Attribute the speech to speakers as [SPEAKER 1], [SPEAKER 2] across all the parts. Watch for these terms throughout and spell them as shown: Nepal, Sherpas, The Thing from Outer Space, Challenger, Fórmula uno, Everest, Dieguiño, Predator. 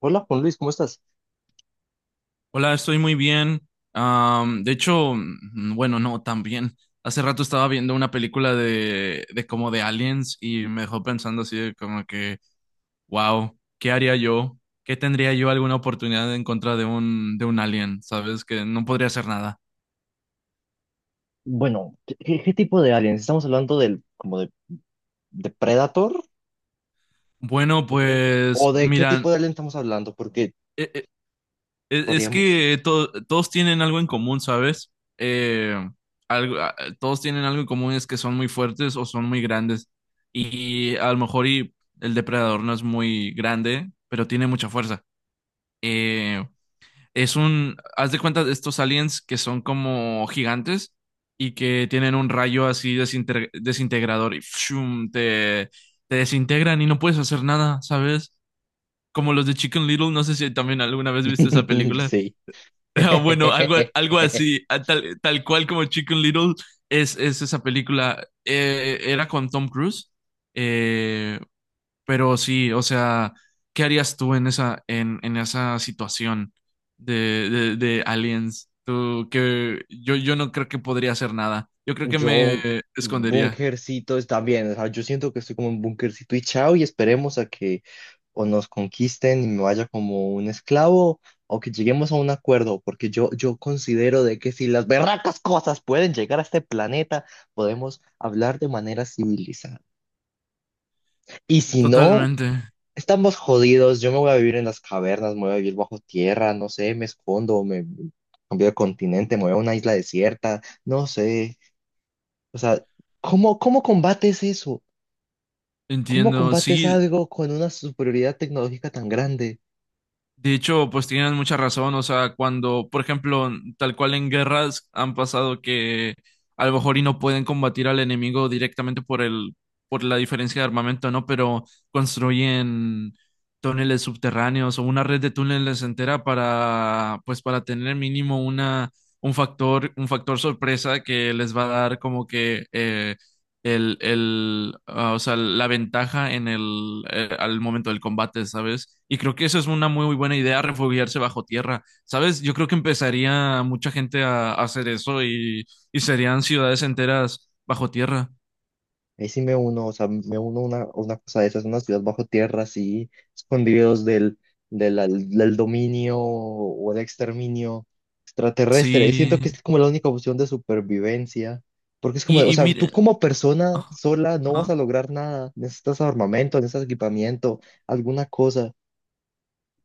[SPEAKER 1] Hola, Juan Luis, ¿cómo estás?
[SPEAKER 2] Hola, estoy muy bien. Am, de hecho, mm, bueno, no, tan bien. Hace rato estaba viendo una película de como de aliens y me dejó pensando así de como que, wow, ¿qué haría yo? ¿Qué tendría yo alguna oportunidad en contra de un alien? ¿Sabes? Que no podría hacer nada.
[SPEAKER 1] Bueno, ¿qué tipo de aliens? ¿Estamos hablando de Predator?
[SPEAKER 2] Bueno,
[SPEAKER 1] ¿De Predator?
[SPEAKER 2] pues
[SPEAKER 1] ¿O de qué
[SPEAKER 2] mira,
[SPEAKER 1] tipo de alien estamos hablando? Porque
[SPEAKER 2] e- Es,
[SPEAKER 1] varía
[SPEAKER 2] es
[SPEAKER 1] mucho.
[SPEAKER 2] que todos tienen algo en común, ¿sabes? Eh, todos tienen algo en común, es que son muy fuertes o son muy grandes. Y a lo mejor y el depredador no es muy grande, pero tiene mucha fuerza. Eh, es un, haz de cuenta de estos aliens que son como gigantes y que tienen un rayo así desintegrador y ¡fshum! Te desintegran y no puedes hacer nada, ¿sabes? Como los de Chicken Little, no sé si también alguna vez viste esa película.
[SPEAKER 1] Sí.
[SPEAKER 2] Ah, bueno, algo así, tal cual como Chicken Little es esa película. Era con Tom Cruise, eh, pero sí, o sea, ¿qué harías tú en en esa situación de aliens? Tú, que yo no creo que podría hacer nada. Yo creo que me
[SPEAKER 1] Yo,
[SPEAKER 2] escondería.
[SPEAKER 1] bunkercito está bien, o sea, yo siento que estoy como un bunkercito y chao y esperemos a que o nos conquisten y me vaya como un esclavo o que lleguemos a un acuerdo, porque yo considero de que si las berracas cosas pueden llegar a este planeta, podemos hablar de manera civilizada. Y si no,
[SPEAKER 2] Totalmente.
[SPEAKER 1] estamos jodidos, yo me voy a vivir en las cavernas, me voy a vivir bajo tierra, no sé, me escondo, me cambio de continente, me voy a una isla desierta, no sé. O sea, ¿cómo combates eso? ¿Cómo
[SPEAKER 2] Entiendo.
[SPEAKER 1] combates
[SPEAKER 2] Sí.
[SPEAKER 1] algo con una superioridad tecnológica tan grande?
[SPEAKER 2] De hecho, pues tienen mucha razón, o sea, cuando, por ejemplo, tal cual en guerras han pasado que a lo mejor y no pueden combatir al enemigo directamente por la diferencia de armamento, ¿no? Pero construyen túneles subterráneos o una red de túneles entera para, pues para tener mínimo una, un factor sorpresa que les va a dar como que o sea, la ventaja en el al momento del combate, ¿sabes? Y creo que eso es una muy, muy buena idea, refugiarse bajo tierra, ¿sabes? Yo creo que empezaría mucha gente a hacer eso y serían ciudades enteras bajo tierra.
[SPEAKER 1] Ahí sí me uno, o sea, me uno a una cosa de esas, una ciudad bajo tierra, así, escondidos del dominio o del exterminio extraterrestre. Y siento que
[SPEAKER 2] Sí.
[SPEAKER 1] es como la única opción de supervivencia, porque es como, o
[SPEAKER 2] Y
[SPEAKER 1] sea, tú
[SPEAKER 2] mire.
[SPEAKER 1] como persona
[SPEAKER 2] ah,
[SPEAKER 1] sola no vas
[SPEAKER 2] ajá,
[SPEAKER 1] a lograr nada, necesitas armamento, necesitas equipamiento, alguna cosa.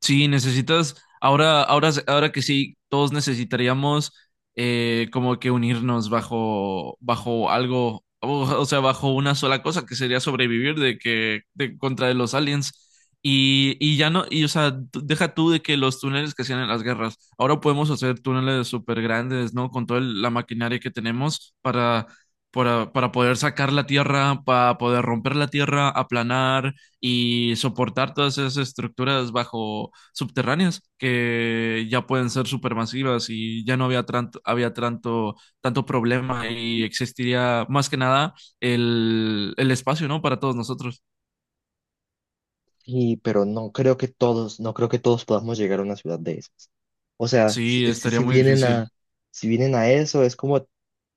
[SPEAKER 2] Sí, necesitas, ahora que sí, todos necesitaríamos como que unirnos bajo algo, o sea, bajo una sola cosa que sería sobrevivir de que, de contra los aliens. Y ya no, y o sea, tú- deja tú de que los túneles que hacían en las guerras, ahora podemos hacer túneles súper grandes, ¿no? Con toda la maquinaria que tenemos para poder sacar la tierra, para poder romper la tierra, aplanar y soportar todas esas estructuras bajo subterráneas que ya pueden ser supermasivas y ya no había tanto, había tanto, tanto problema y existiría más que nada el, el espacio, ¿no? Para todos nosotros.
[SPEAKER 1] Y, pero no creo que todos, no creo que todos podamos llegar a una ciudad de esas. O sea, si,
[SPEAKER 2] Sí,
[SPEAKER 1] si-
[SPEAKER 2] estaría
[SPEAKER 1] si
[SPEAKER 2] muy
[SPEAKER 1] vienen
[SPEAKER 2] difícil.
[SPEAKER 1] a, si vienen a eso, es como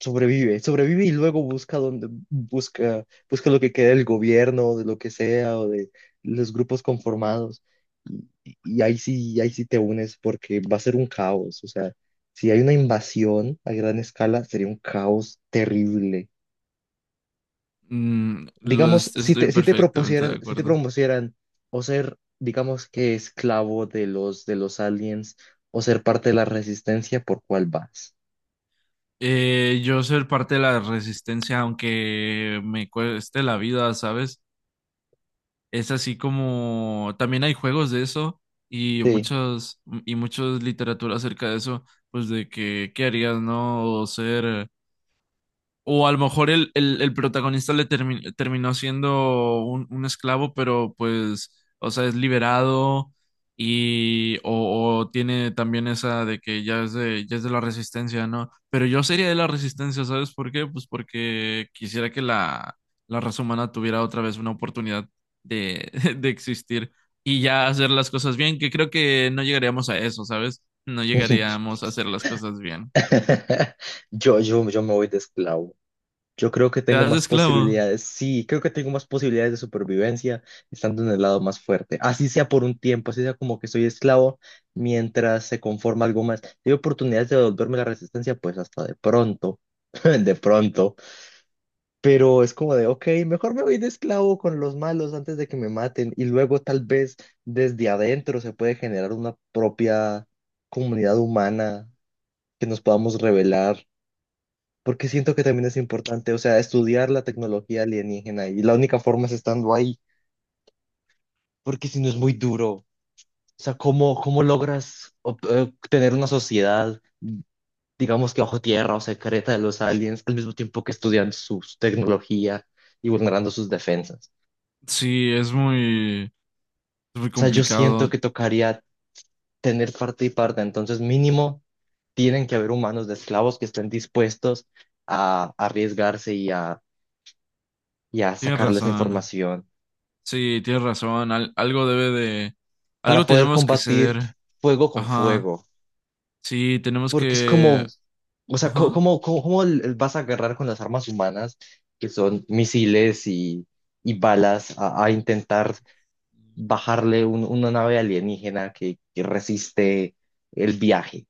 [SPEAKER 1] sobrevive, sobrevive y luego busca donde, busca, busca lo que queda del gobierno, o de lo que sea, o de los grupos conformados. Y ahí sí te unes porque va a ser un caos. O sea, si hay una invasión a gran escala, sería un caos terrible.
[SPEAKER 2] Mm,
[SPEAKER 1] Digamos, si
[SPEAKER 2] estoy
[SPEAKER 1] te, si te
[SPEAKER 2] perfectamente de
[SPEAKER 1] propusieran, si te
[SPEAKER 2] acuerdo.
[SPEAKER 1] propusieran o ser, digamos que esclavo de los aliens o ser parte de la resistencia, ¿por cuál vas?
[SPEAKER 2] Yo ser parte de la resistencia, aunque me cueste la vida, ¿sabes? Es así como también hay juegos de eso y
[SPEAKER 1] Sí.
[SPEAKER 2] muchas literatura acerca de eso, pues de que qué harías, ¿no? O ser o a lo mejor el protagonista terminó siendo un esclavo, pero pues, o sea, es liberado y o tiene también esa de que ya es de la resistencia, ¿no? Pero yo sería de la resistencia, ¿sabes por qué? Pues porque quisiera que la raza humana tuviera otra vez una oportunidad de, de existir y ya hacer las cosas bien, que creo que no llegaríamos a eso, ¿sabes? No llegaríamos a hacer las cosas bien.
[SPEAKER 1] Yo me voy de esclavo. Yo creo que
[SPEAKER 2] Te
[SPEAKER 1] tengo
[SPEAKER 2] das
[SPEAKER 1] más
[SPEAKER 2] esclavo.
[SPEAKER 1] posibilidades. Sí, creo que tengo más posibilidades de supervivencia estando en el lado más fuerte. Así sea por un tiempo, así sea como que soy esclavo mientras se conforma algo más. Si hay oportunidades de devolverme la resistencia, pues hasta de pronto. De pronto. Pero es como de, ok, mejor me voy de esclavo con los malos antes de que me maten y luego tal vez desde adentro se puede generar una propia comunidad humana que nos podamos revelar, porque siento que también es importante, o sea, estudiar la tecnología alienígena y la única forma es estando ahí, porque si no es muy duro, o sea, ¿cómo logras tener una sociedad, digamos que bajo tierra o secreta de los aliens al mismo tiempo que estudian su tecnología y vulnerando sus defensas?
[SPEAKER 2] Sí, es muy
[SPEAKER 1] Sea, yo siento
[SPEAKER 2] complicado.
[SPEAKER 1] que tocaría tener parte y parte, entonces mínimo tienen que haber humanos de esclavos que estén dispuestos a arriesgarse y a
[SPEAKER 2] Tienes
[SPEAKER 1] sacarles
[SPEAKER 2] razón.
[SPEAKER 1] información
[SPEAKER 2] Sí, tienes razón. Algo debe de,
[SPEAKER 1] para
[SPEAKER 2] algo
[SPEAKER 1] poder
[SPEAKER 2] tenemos que
[SPEAKER 1] combatir
[SPEAKER 2] ceder.
[SPEAKER 1] fuego con
[SPEAKER 2] Ajá.
[SPEAKER 1] fuego,
[SPEAKER 2] Sí, tenemos
[SPEAKER 1] porque es
[SPEAKER 2] que,
[SPEAKER 1] como, o sea, co-
[SPEAKER 2] ajá.
[SPEAKER 1] ¿cómo, cómo, cómo l- vas a agarrar con las armas humanas, que son misiles y balas, a intentar bajarle una nave alienígena que resiste el viaje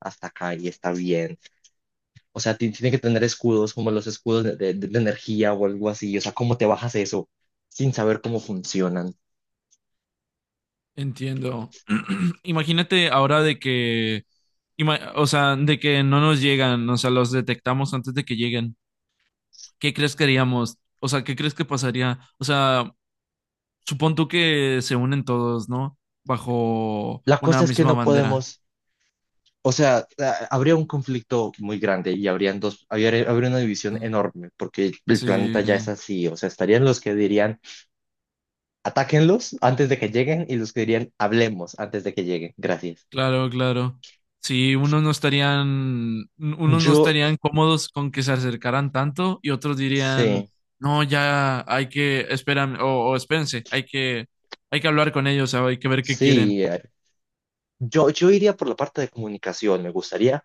[SPEAKER 1] hasta acá y está bien? O sea, tiene que tener escudos como los escudos de la energía o algo así. O sea, ¿cómo te bajas eso sin saber cómo funcionan?
[SPEAKER 2] Entiendo. Imagínate ahora de que, o sea, de que no nos llegan, o sea, los detectamos antes de que lleguen. ¿Qué crees que haríamos? O sea, ¿qué crees que pasaría? O sea, supón tú que se unen todos, ¿no? Bajo
[SPEAKER 1] La
[SPEAKER 2] una
[SPEAKER 1] cosa es que
[SPEAKER 2] misma
[SPEAKER 1] no
[SPEAKER 2] bandera.
[SPEAKER 1] podemos, o sea, habría un conflicto muy grande y habrían habría una división
[SPEAKER 2] Sí.
[SPEAKER 1] enorme porque el planeta
[SPEAKER 2] Sí.
[SPEAKER 1] ya es así. O sea, estarían los que dirían, atáquenlos antes de que lleguen y los que dirían, hablemos antes de que lleguen. Gracias.
[SPEAKER 2] Claro, claro. Sí, unos no
[SPEAKER 1] Yo,
[SPEAKER 2] estarían cómodos con que se acercaran tanto y otros dirían,
[SPEAKER 1] sí,
[SPEAKER 2] no, ya hay que, esperan, o espérense, hay que hablar con ellos, o hay que ver qué quieren.
[SPEAKER 1] sí. Yo iría por la parte de comunicación. Me gustaría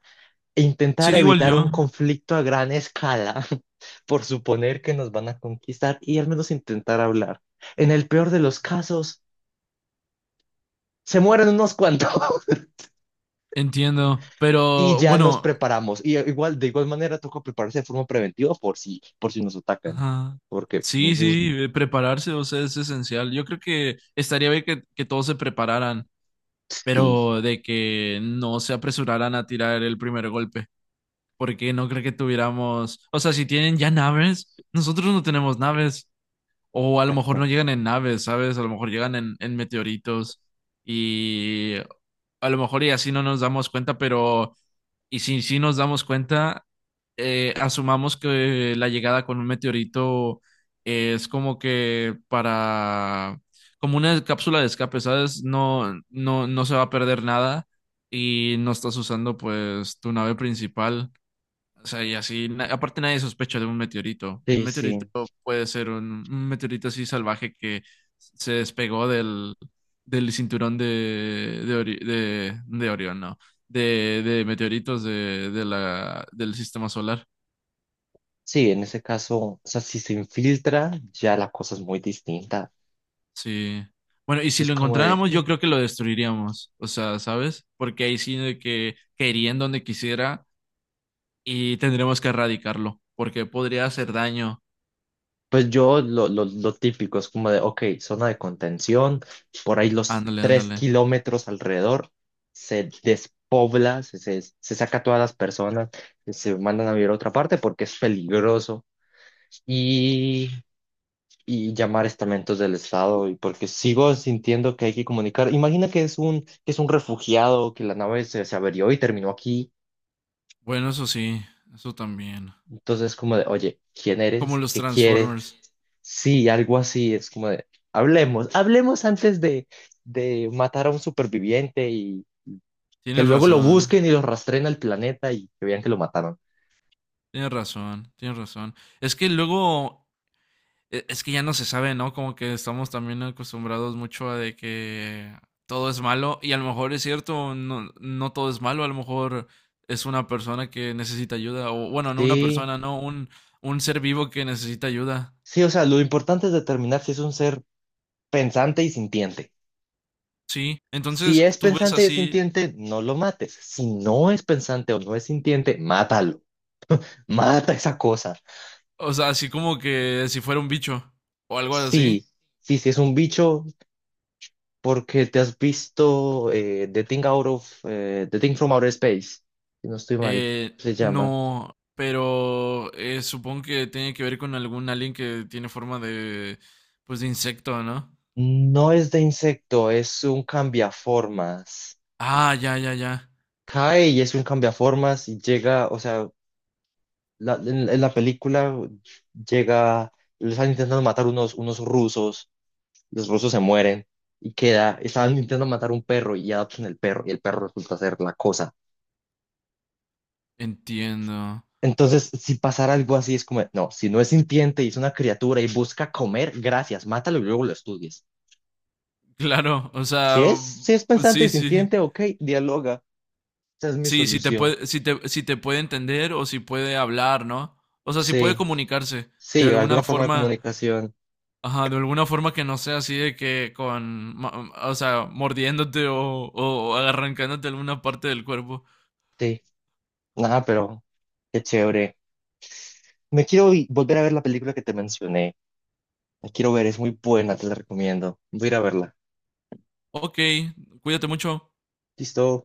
[SPEAKER 1] e intentar
[SPEAKER 2] Sí, igual
[SPEAKER 1] evitar
[SPEAKER 2] yo,
[SPEAKER 1] un conflicto a gran escala por suponer que nos van a conquistar y al menos intentar hablar. En el peor de los casos, se mueren unos cuantos
[SPEAKER 2] entiendo,
[SPEAKER 1] y
[SPEAKER 2] pero
[SPEAKER 1] ya nos
[SPEAKER 2] bueno,
[SPEAKER 1] preparamos. Y igual, de igual manera, toca prepararse de forma preventiva por si nos atacan.
[SPEAKER 2] ajá.
[SPEAKER 1] Porque,
[SPEAKER 2] Sí,
[SPEAKER 1] ujú,
[SPEAKER 2] sí, prepararse, o sea, es esencial. Yo creo que estaría bien que todos se prepararan,
[SPEAKER 1] sí,
[SPEAKER 2] pero de que no se apresuraran a tirar el primer golpe. Porque no creo que tuviéramos, o sea, si tienen ya naves, nosotros no tenemos naves, o a lo mejor no
[SPEAKER 1] exacto.
[SPEAKER 2] llegan en naves, ¿sabes? A lo mejor llegan en meteoritos y a lo mejor y así no nos damos cuenta, pero y si sí nos damos cuenta, asumamos que la llegada con un meteorito es como que para, como una cápsula de escape, ¿sabes? No, no, no se va a perder nada. Y no estás usando pues tu nave principal. O sea, y así, aparte nadie sospecha de un meteorito. Un
[SPEAKER 1] Sí,
[SPEAKER 2] meteorito
[SPEAKER 1] sí.
[SPEAKER 2] puede ser un meteorito así salvaje que se despegó del, del cinturón de, Ori- de Orión, no, de meteoritos del sistema solar.
[SPEAKER 1] Sí, en ese caso, o sea, si se infiltra, ya la cosa es muy distinta.
[SPEAKER 2] Sí. Bueno, y si
[SPEAKER 1] Es
[SPEAKER 2] lo
[SPEAKER 1] como de,
[SPEAKER 2] encontráramos,
[SPEAKER 1] "Mm,
[SPEAKER 2] yo creo que lo destruiríamos. O sea, ¿sabes? Porque ahí sí de que caería en donde quisiera y tendremos que erradicarlo, porque podría hacer daño.
[SPEAKER 1] pues yo lo típico es como de, ok, zona de contención, por ahí los
[SPEAKER 2] Ándale,
[SPEAKER 1] tres
[SPEAKER 2] ándale.
[SPEAKER 1] kilómetros alrededor se despobla, se saca a todas las personas, se mandan a vivir a otra parte porque es peligroso y, y llamar estamentos del Estado y porque sigo sintiendo que hay que comunicar. Imagina que es un refugiado, que la nave se averió y terminó aquí.
[SPEAKER 2] Bueno, eso sí, eso también.
[SPEAKER 1] Entonces, es como de, oye, ¿quién
[SPEAKER 2] Como
[SPEAKER 1] eres?
[SPEAKER 2] los
[SPEAKER 1] ¿Qué quieres?
[SPEAKER 2] Transformers.
[SPEAKER 1] Sí, algo así, es como de, hablemos, hablemos antes de matar a un superviviente y que
[SPEAKER 2] Tienes
[SPEAKER 1] luego lo
[SPEAKER 2] razón, ¿eh?
[SPEAKER 1] busquen y lo rastreen al planeta y que vean que lo mataron.
[SPEAKER 2] Tienes razón, tienes razón. Es que luego, es que ya no se sabe, ¿no? Como que estamos también acostumbrados mucho a de que todo es malo y a lo mejor es cierto, no, no todo es malo, a lo mejor es una persona que necesita ayuda o bueno, no una
[SPEAKER 1] Sí,
[SPEAKER 2] persona, no, un ser vivo que necesita ayuda.
[SPEAKER 1] sí, o sea, lo importante es determinar si es un ser pensante y sintiente.
[SPEAKER 2] Sí,
[SPEAKER 1] Si
[SPEAKER 2] entonces
[SPEAKER 1] es
[SPEAKER 2] tú ves
[SPEAKER 1] pensante y es
[SPEAKER 2] así,
[SPEAKER 1] sintiente, no lo mates. Si no es pensante o no es sintiente, mátalo. Mata esa cosa.
[SPEAKER 2] o sea, así como que si fuera un bicho o algo así.
[SPEAKER 1] Sí, sí, si es un bicho, porque te has visto The Thing Out of The Thing from Outer Space, si no estoy mal, se llama.
[SPEAKER 2] No, pero supongo que tiene que ver con algún alien que tiene forma de, pues, de insecto, ¿no?
[SPEAKER 1] No es de insecto, es un cambiaformas.
[SPEAKER 2] Ah, ya, ya, ya.
[SPEAKER 1] Cae y es un cambiaformas y llega, o sea, en la película llega, les están intentando matar unos, unos rusos, los rusos se mueren y queda, estaban intentando matar un perro y adoptan el perro y el perro resulta ser la cosa.
[SPEAKER 2] Entiendo.
[SPEAKER 1] Entonces, si pasara algo así, es como, no, si no es sintiente y es una criatura y busca comer, gracias, mátalo y luego lo estudies.
[SPEAKER 2] Claro, o sea,
[SPEAKER 1] Si es, si es pensante y
[SPEAKER 2] sí, sí.
[SPEAKER 1] sintiente, ok, dialoga. Esa es mi
[SPEAKER 2] Sí, si te
[SPEAKER 1] solución.
[SPEAKER 2] puede, si te puede entender o si puede hablar, ¿no? O sea, si puede
[SPEAKER 1] Sí,
[SPEAKER 2] comunicarse de
[SPEAKER 1] sí, alguna
[SPEAKER 2] alguna
[SPEAKER 1] forma de
[SPEAKER 2] forma,
[SPEAKER 1] comunicación.
[SPEAKER 2] ajá, de alguna forma que no sea así de que o sea, mordiéndote o arrancándote alguna parte del cuerpo.
[SPEAKER 1] Sí, nada, pero qué chévere. Me quiero volver a ver la película que te mencioné. La quiero ver, es muy buena, te la recomiendo. Voy a ir a verla.
[SPEAKER 2] Ok, cuídate mucho.
[SPEAKER 1] Listo.